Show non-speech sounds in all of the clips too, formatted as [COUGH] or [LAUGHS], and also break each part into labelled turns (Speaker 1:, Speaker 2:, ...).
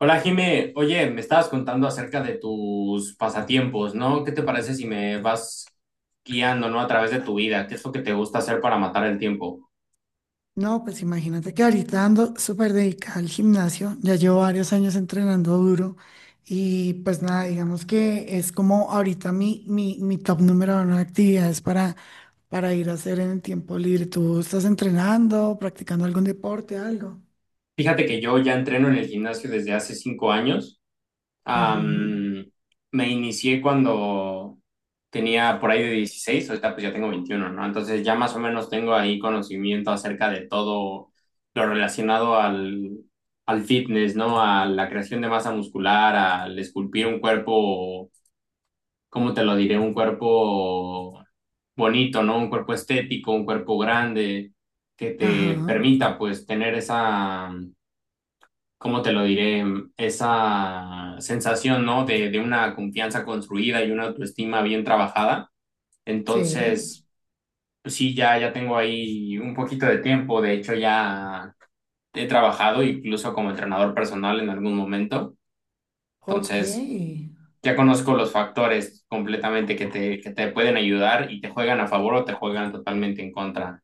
Speaker 1: Hola Jime, oye, me estabas contando acerca de tus pasatiempos, ¿no? ¿Qué te parece si me vas guiando, ¿no? A través de tu vida, ¿qué es lo que te gusta hacer para matar el tiempo?
Speaker 2: No, pues imagínate que ahorita ando súper dedicada al gimnasio, ya llevo varios años entrenando duro y pues nada, digamos que es como ahorita mi top número uno de actividades para ir a hacer en el tiempo libre. ¿Tú estás entrenando, practicando algún deporte, algo?
Speaker 1: Fíjate que yo ya entreno en el gimnasio desde hace 5 años.
Speaker 2: Ujú.
Speaker 1: Am, Me inicié cuando tenía por ahí de 16, ahorita pues ya tengo 21, ¿no? Entonces ya más o menos tengo ahí conocimiento acerca de todo lo relacionado al fitness, ¿no? A la creación de masa muscular, al esculpir un cuerpo, ¿cómo te lo diré? Un cuerpo bonito, ¿no? Un cuerpo estético, un cuerpo grande, que te
Speaker 2: Ajá,
Speaker 1: permita pues tener esa, ¿cómo te lo diré? Esa sensación, ¿no? De una confianza construida y una autoestima bien trabajada.
Speaker 2: sí,
Speaker 1: Entonces, pues sí, ya, ya tengo ahí un poquito de tiempo. De hecho, ya he trabajado incluso como entrenador personal en algún momento.
Speaker 2: ok.
Speaker 1: Entonces, ya conozco los factores completamente que te pueden ayudar y te juegan a favor o te juegan totalmente en contra.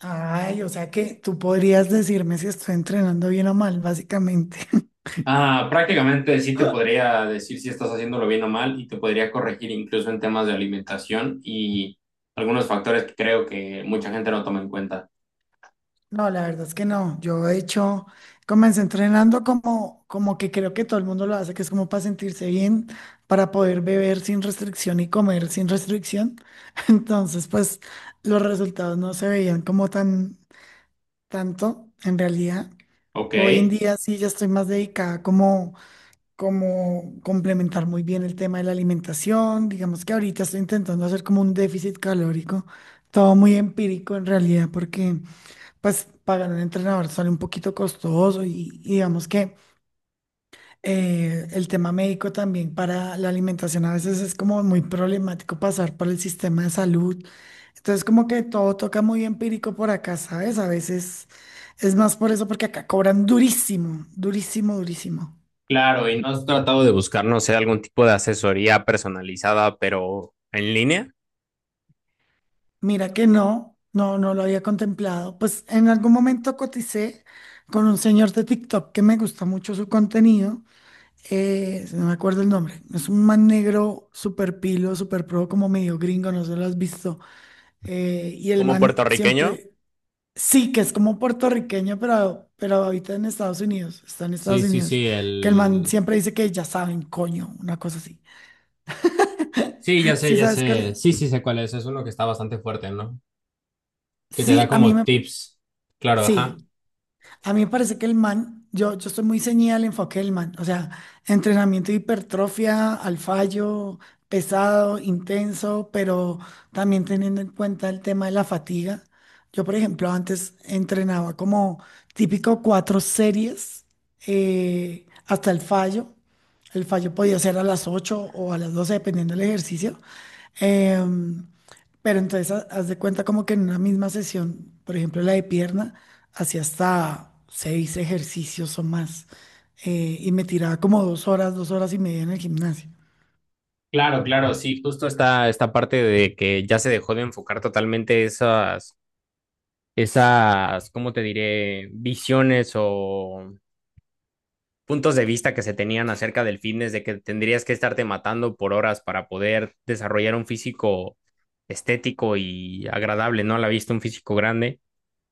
Speaker 2: Ay, o sea que tú podrías decirme si estoy entrenando bien o mal, básicamente. [LAUGHS]
Speaker 1: Ah, prácticamente sí te podría decir si estás haciéndolo bien o mal y te podría corregir incluso en temas de alimentación y algunos factores que creo que mucha gente no toma en cuenta.
Speaker 2: No, la verdad es que no. Yo de hecho comencé entrenando como que creo que todo el mundo lo hace, que es como para sentirse bien, para poder beber sin restricción y comer sin restricción. [LAUGHS] Entonces, pues los resultados no se veían como tan tanto en realidad.
Speaker 1: Ok,
Speaker 2: Hoy en día sí ya estoy más dedicada como complementar muy bien el tema de la alimentación. Digamos que ahorita estoy intentando hacer como un déficit calórico, todo muy empírico en realidad, porque pues pagar un entrenador sale un poquito costoso y digamos que el tema médico también para la alimentación a veces es como muy problemático pasar por el sistema de salud. Entonces como que todo toca muy empírico por acá, ¿sabes? A veces es más por eso porque acá cobran durísimo, durísimo, durísimo.
Speaker 1: claro, ¿y no has tratado de buscar, no sé, algún tipo de asesoría personalizada, pero en línea,
Speaker 2: Mira que no, no, no lo había contemplado. Pues en algún momento coticé con un señor de TikTok que me gusta mucho su contenido. No me acuerdo el nombre, es un man negro súper pilo, súper pro, como medio gringo, no sé lo has visto. Y el
Speaker 1: como
Speaker 2: man
Speaker 1: puertorriqueño?
Speaker 2: siempre, sí, que es como puertorriqueño, pero habita en Estados Unidos, está en Estados
Speaker 1: Sí, sí,
Speaker 2: Unidos.
Speaker 1: sí,
Speaker 2: Que el man
Speaker 1: el...
Speaker 2: siempre dice que ya saben, coño, una cosa así.
Speaker 1: Sí, ya
Speaker 2: [LAUGHS]
Speaker 1: sé,
Speaker 2: Sí,
Speaker 1: ya
Speaker 2: ¿sabes qué?
Speaker 1: sé. Sí, sí sé cuál es. Es uno que está bastante fuerte, ¿no? Que te da
Speaker 2: Sí, a mí
Speaker 1: como
Speaker 2: me,
Speaker 1: tips. Claro, ajá.
Speaker 2: sí. A mí me parece que el man, yo estoy muy ceñida al enfoque del man, o sea, entrenamiento de hipertrofia, al fallo, pesado, intenso, pero también teniendo en cuenta el tema de la fatiga. Yo, por ejemplo, antes entrenaba como típico cuatro series hasta el fallo. El fallo podía ser a las 8 o a las 12 dependiendo del ejercicio. Em, pero entonces haz de cuenta como que en una misma sesión, por ejemplo, la de pierna, hacía hasta seis ejercicios o más. Y me tiraba como 2 horas, 2 horas y media en el gimnasio.
Speaker 1: Claro, claro, sí, justo esta, esta parte de que ya se dejó de enfocar totalmente esas, ¿cómo te diré? Visiones o puntos de vista que se tenían acerca del fitness, de que tendrías que estarte matando por horas para poder desarrollar un físico estético y agradable, ¿no? A la vista, un físico grande.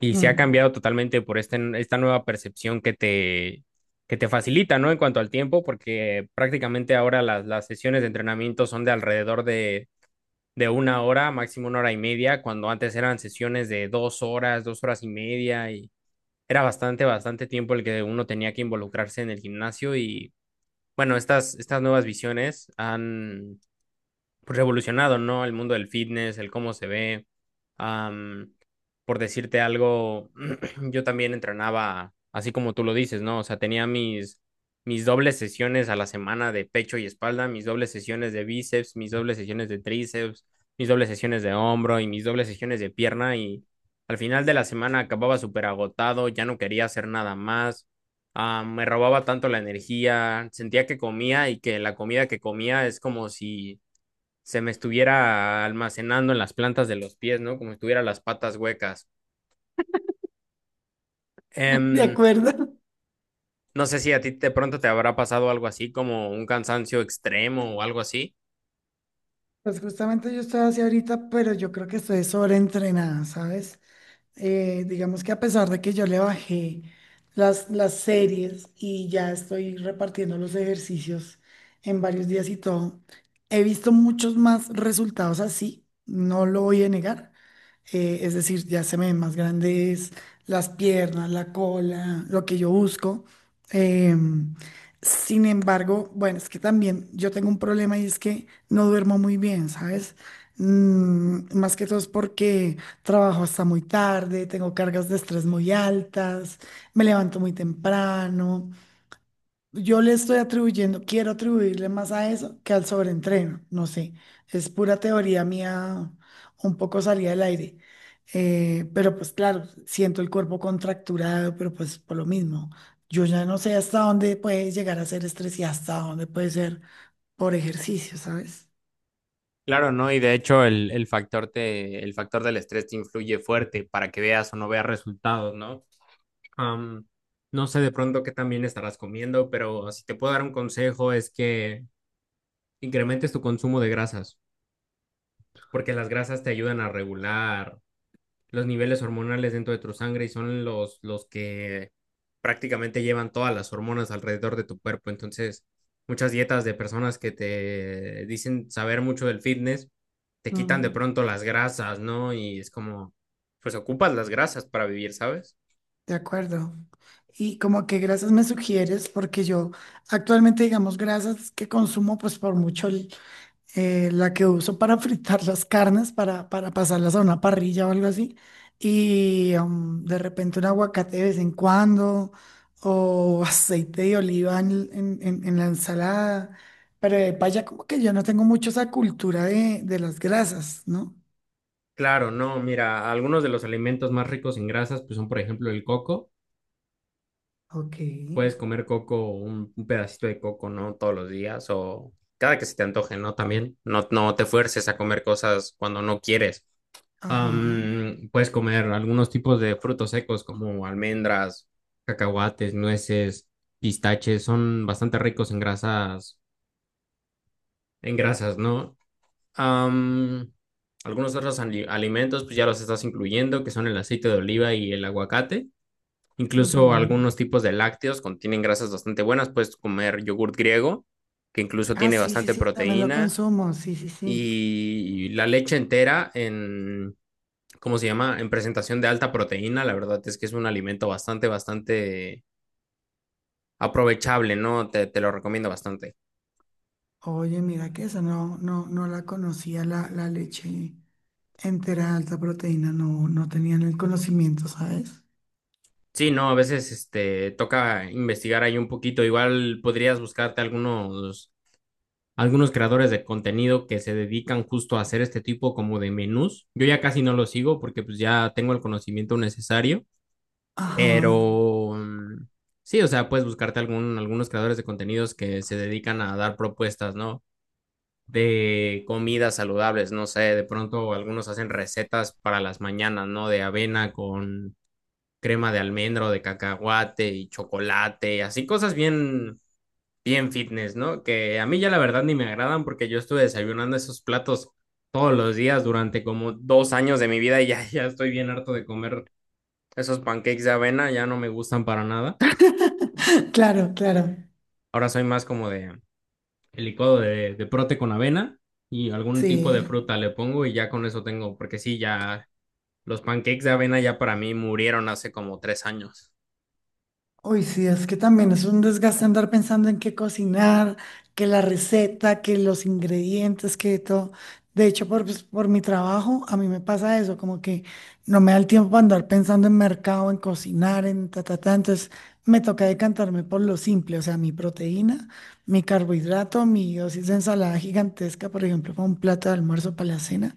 Speaker 1: Y se ha
Speaker 2: Mm.
Speaker 1: cambiado totalmente por esta nueva percepción que te facilita, ¿no? En cuanto al tiempo, porque prácticamente ahora las sesiones de entrenamiento son de alrededor de una hora, máximo una hora y media, cuando antes eran sesiones de 2 horas, 2 horas y media, y era bastante, bastante tiempo el que uno tenía que involucrarse en el gimnasio y bueno, estas nuevas visiones han, pues, revolucionado, ¿no? El mundo del fitness, el cómo se ve. Am, por decirte algo, [CLEARS THROAT] yo también entrenaba, así como tú lo dices, ¿no? O sea, tenía mis dobles sesiones a la semana de pecho y espalda, mis dobles sesiones de bíceps, mis dobles sesiones de tríceps, mis dobles sesiones de hombro y mis dobles sesiones de pierna y al final de la semana acababa súper agotado, ya no quería hacer nada más. Ah, me robaba tanto la energía, sentía que comía y que la comida que comía es como si se me estuviera almacenando en las plantas de los pies, ¿no? Como si tuviera las patas huecas.
Speaker 2: ¿De
Speaker 1: Em,
Speaker 2: acuerdo? [LAUGHS]
Speaker 1: no sé si a ti de pronto te habrá pasado algo así, como un cansancio extremo o algo así.
Speaker 2: Pues justamente yo estoy así ahorita, pero yo creo que estoy sobreentrenada, ¿sabes? Digamos que a pesar de que yo le bajé las series y ya estoy repartiendo los ejercicios en varios días y todo, he visto muchos más resultados así, no lo voy a negar, es decir, ya se me ven más grandes las piernas, la cola, lo que yo busco. Em, Sin embargo, bueno, es que también yo tengo un problema y es que no duermo muy bien, ¿sabes? Más que todo es porque trabajo hasta muy tarde, tengo cargas de estrés muy altas, me levanto muy temprano. Yo le estoy atribuyendo, quiero atribuirle más a eso que al sobreentreno, no sé, es pura teoría mía, un poco salida del aire. Pero pues claro, siento el cuerpo contracturado, pero pues por lo mismo, yo ya no sé hasta dónde puede llegar a ser estrés y hasta dónde puede ser por ejercicio, ¿sabes?
Speaker 1: Claro, ¿no? Y de hecho el factor del estrés te influye fuerte para que veas o no veas resultados, ¿no? Am, no sé de pronto qué también estarás comiendo, pero si te puedo dar un consejo es que incrementes tu consumo de grasas, porque las grasas te ayudan a regular los, niveles hormonales dentro de tu sangre y son los que prácticamente llevan todas las hormonas alrededor de tu cuerpo. Entonces, muchas dietas de personas que te dicen saber mucho del fitness, te quitan de
Speaker 2: Mm,
Speaker 1: pronto las grasas, ¿no? Y es como, pues ocupas las grasas para vivir, ¿sabes?
Speaker 2: de acuerdo. Y como que grasas me sugieres, porque yo actualmente, digamos, grasas que consumo, pues por mucho, la que uso para fritar las carnes, para pasarlas a una parrilla o algo así. Y de repente un aguacate de vez en cuando, o [LAUGHS] aceite de oliva en la ensalada. Pero de paya, como que yo no tengo mucho esa cultura de las grasas, ¿no?
Speaker 1: Claro, no, mira, algunos de los alimentos más ricos en grasas, pues son, por ejemplo, el coco
Speaker 2: Ok.
Speaker 1: puedes comer coco, un pedacito de coco, ¿no? Todos los días o cada que se te antoje, ¿no? También no, no te fuerces a comer cosas cuando no quieres.
Speaker 2: Ajá.
Speaker 1: Puedes comer algunos tipos de frutos secos como almendras, cacahuates, nueces, pistaches, son bastante ricos en grasas, ¿no? Am, algunos otros alimentos, pues ya los estás incluyendo, que son el aceite de oliva y el aguacate.
Speaker 2: Ujú.
Speaker 1: Incluso algunos tipos de lácteos contienen grasas bastante buenas. Puedes comer yogurt griego, que incluso
Speaker 2: Ah,
Speaker 1: tiene
Speaker 2: sí, sí,
Speaker 1: bastante
Speaker 2: sí, también lo
Speaker 1: proteína,
Speaker 2: consumo. Sí, sí, sí.
Speaker 1: y la leche entera en, ¿cómo se llama? En presentación de alta proteína. La verdad es que es un alimento bastante, bastante aprovechable, ¿no? Te lo recomiendo bastante.
Speaker 2: Oye, mira que esa no, no, no la conocía la leche entera alta proteína, no, no tenían el conocimiento, ¿sabes?
Speaker 1: Sí, no, a veces este, toca investigar ahí un poquito. Igual podrías buscarte algunos creadores de contenido que se dedican justo a hacer este tipo como de menús. Yo ya casi no los sigo porque pues ya tengo el conocimiento necesario,
Speaker 2: Ajá.
Speaker 1: pero sí, o sea, puedes buscarte algunos creadores de contenidos que se dedican a dar propuestas, ¿no? De comidas saludables, no sé, de pronto algunos hacen recetas para las mañanas, ¿no? De avena con crema de almendro, de cacahuate y chocolate, así cosas bien bien fitness, ¿no? Que a mí ya la verdad ni me agradan porque yo estuve desayunando esos platos todos los días durante como 2 años de mi vida y ya, [LAUGHS] ya estoy bien harto de comer esos pancakes de avena, ya no me gustan para nada.
Speaker 2: [LAUGHS] Claro, claro.
Speaker 1: Ahora soy más como de el licuado de prote con avena y algún
Speaker 2: Sí,
Speaker 1: tipo de
Speaker 2: ¿eh?
Speaker 1: fruta le pongo y ya con eso tengo, porque sí, ya los pancakes de avena ya para mí murieron hace como 3 años.
Speaker 2: Uy, sí, es que también es un desgaste andar pensando en qué cocinar, que la receta, que los ingredientes, que todo. De hecho, pues, por mi trabajo, a mí me pasa eso, como que no me da el tiempo para andar pensando en mercado, en cocinar, en ta, ta, ta. Entonces, me toca decantarme por lo simple, o sea, mi proteína, mi carbohidrato, mi dosis de ensalada gigantesca, por ejemplo, para un plato de almuerzo, para la cena,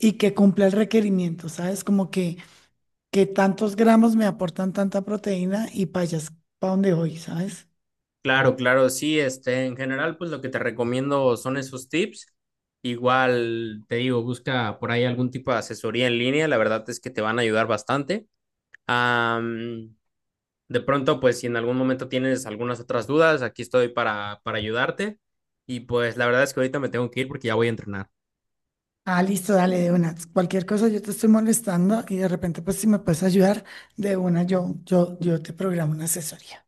Speaker 2: y que cumpla el requerimiento, ¿sabes? Como que tantos gramos me aportan tanta proteína y payas para donde voy, ¿sabes?
Speaker 1: Claro, claro, sí, este, en general, pues lo que te recomiendo son esos tips. Igual te digo, busca por ahí algún tipo de asesoría en línea, la verdad es que te van a ayudar bastante. Am, de pronto, pues si en algún momento tienes algunas otras dudas, aquí estoy para ayudarte. Y pues la verdad es que ahorita me tengo que ir porque ya voy a entrenar.
Speaker 2: Ah, listo, dale de una. Cualquier cosa yo te estoy molestando y de repente, pues si me puedes ayudar de una, yo te programo una asesoría.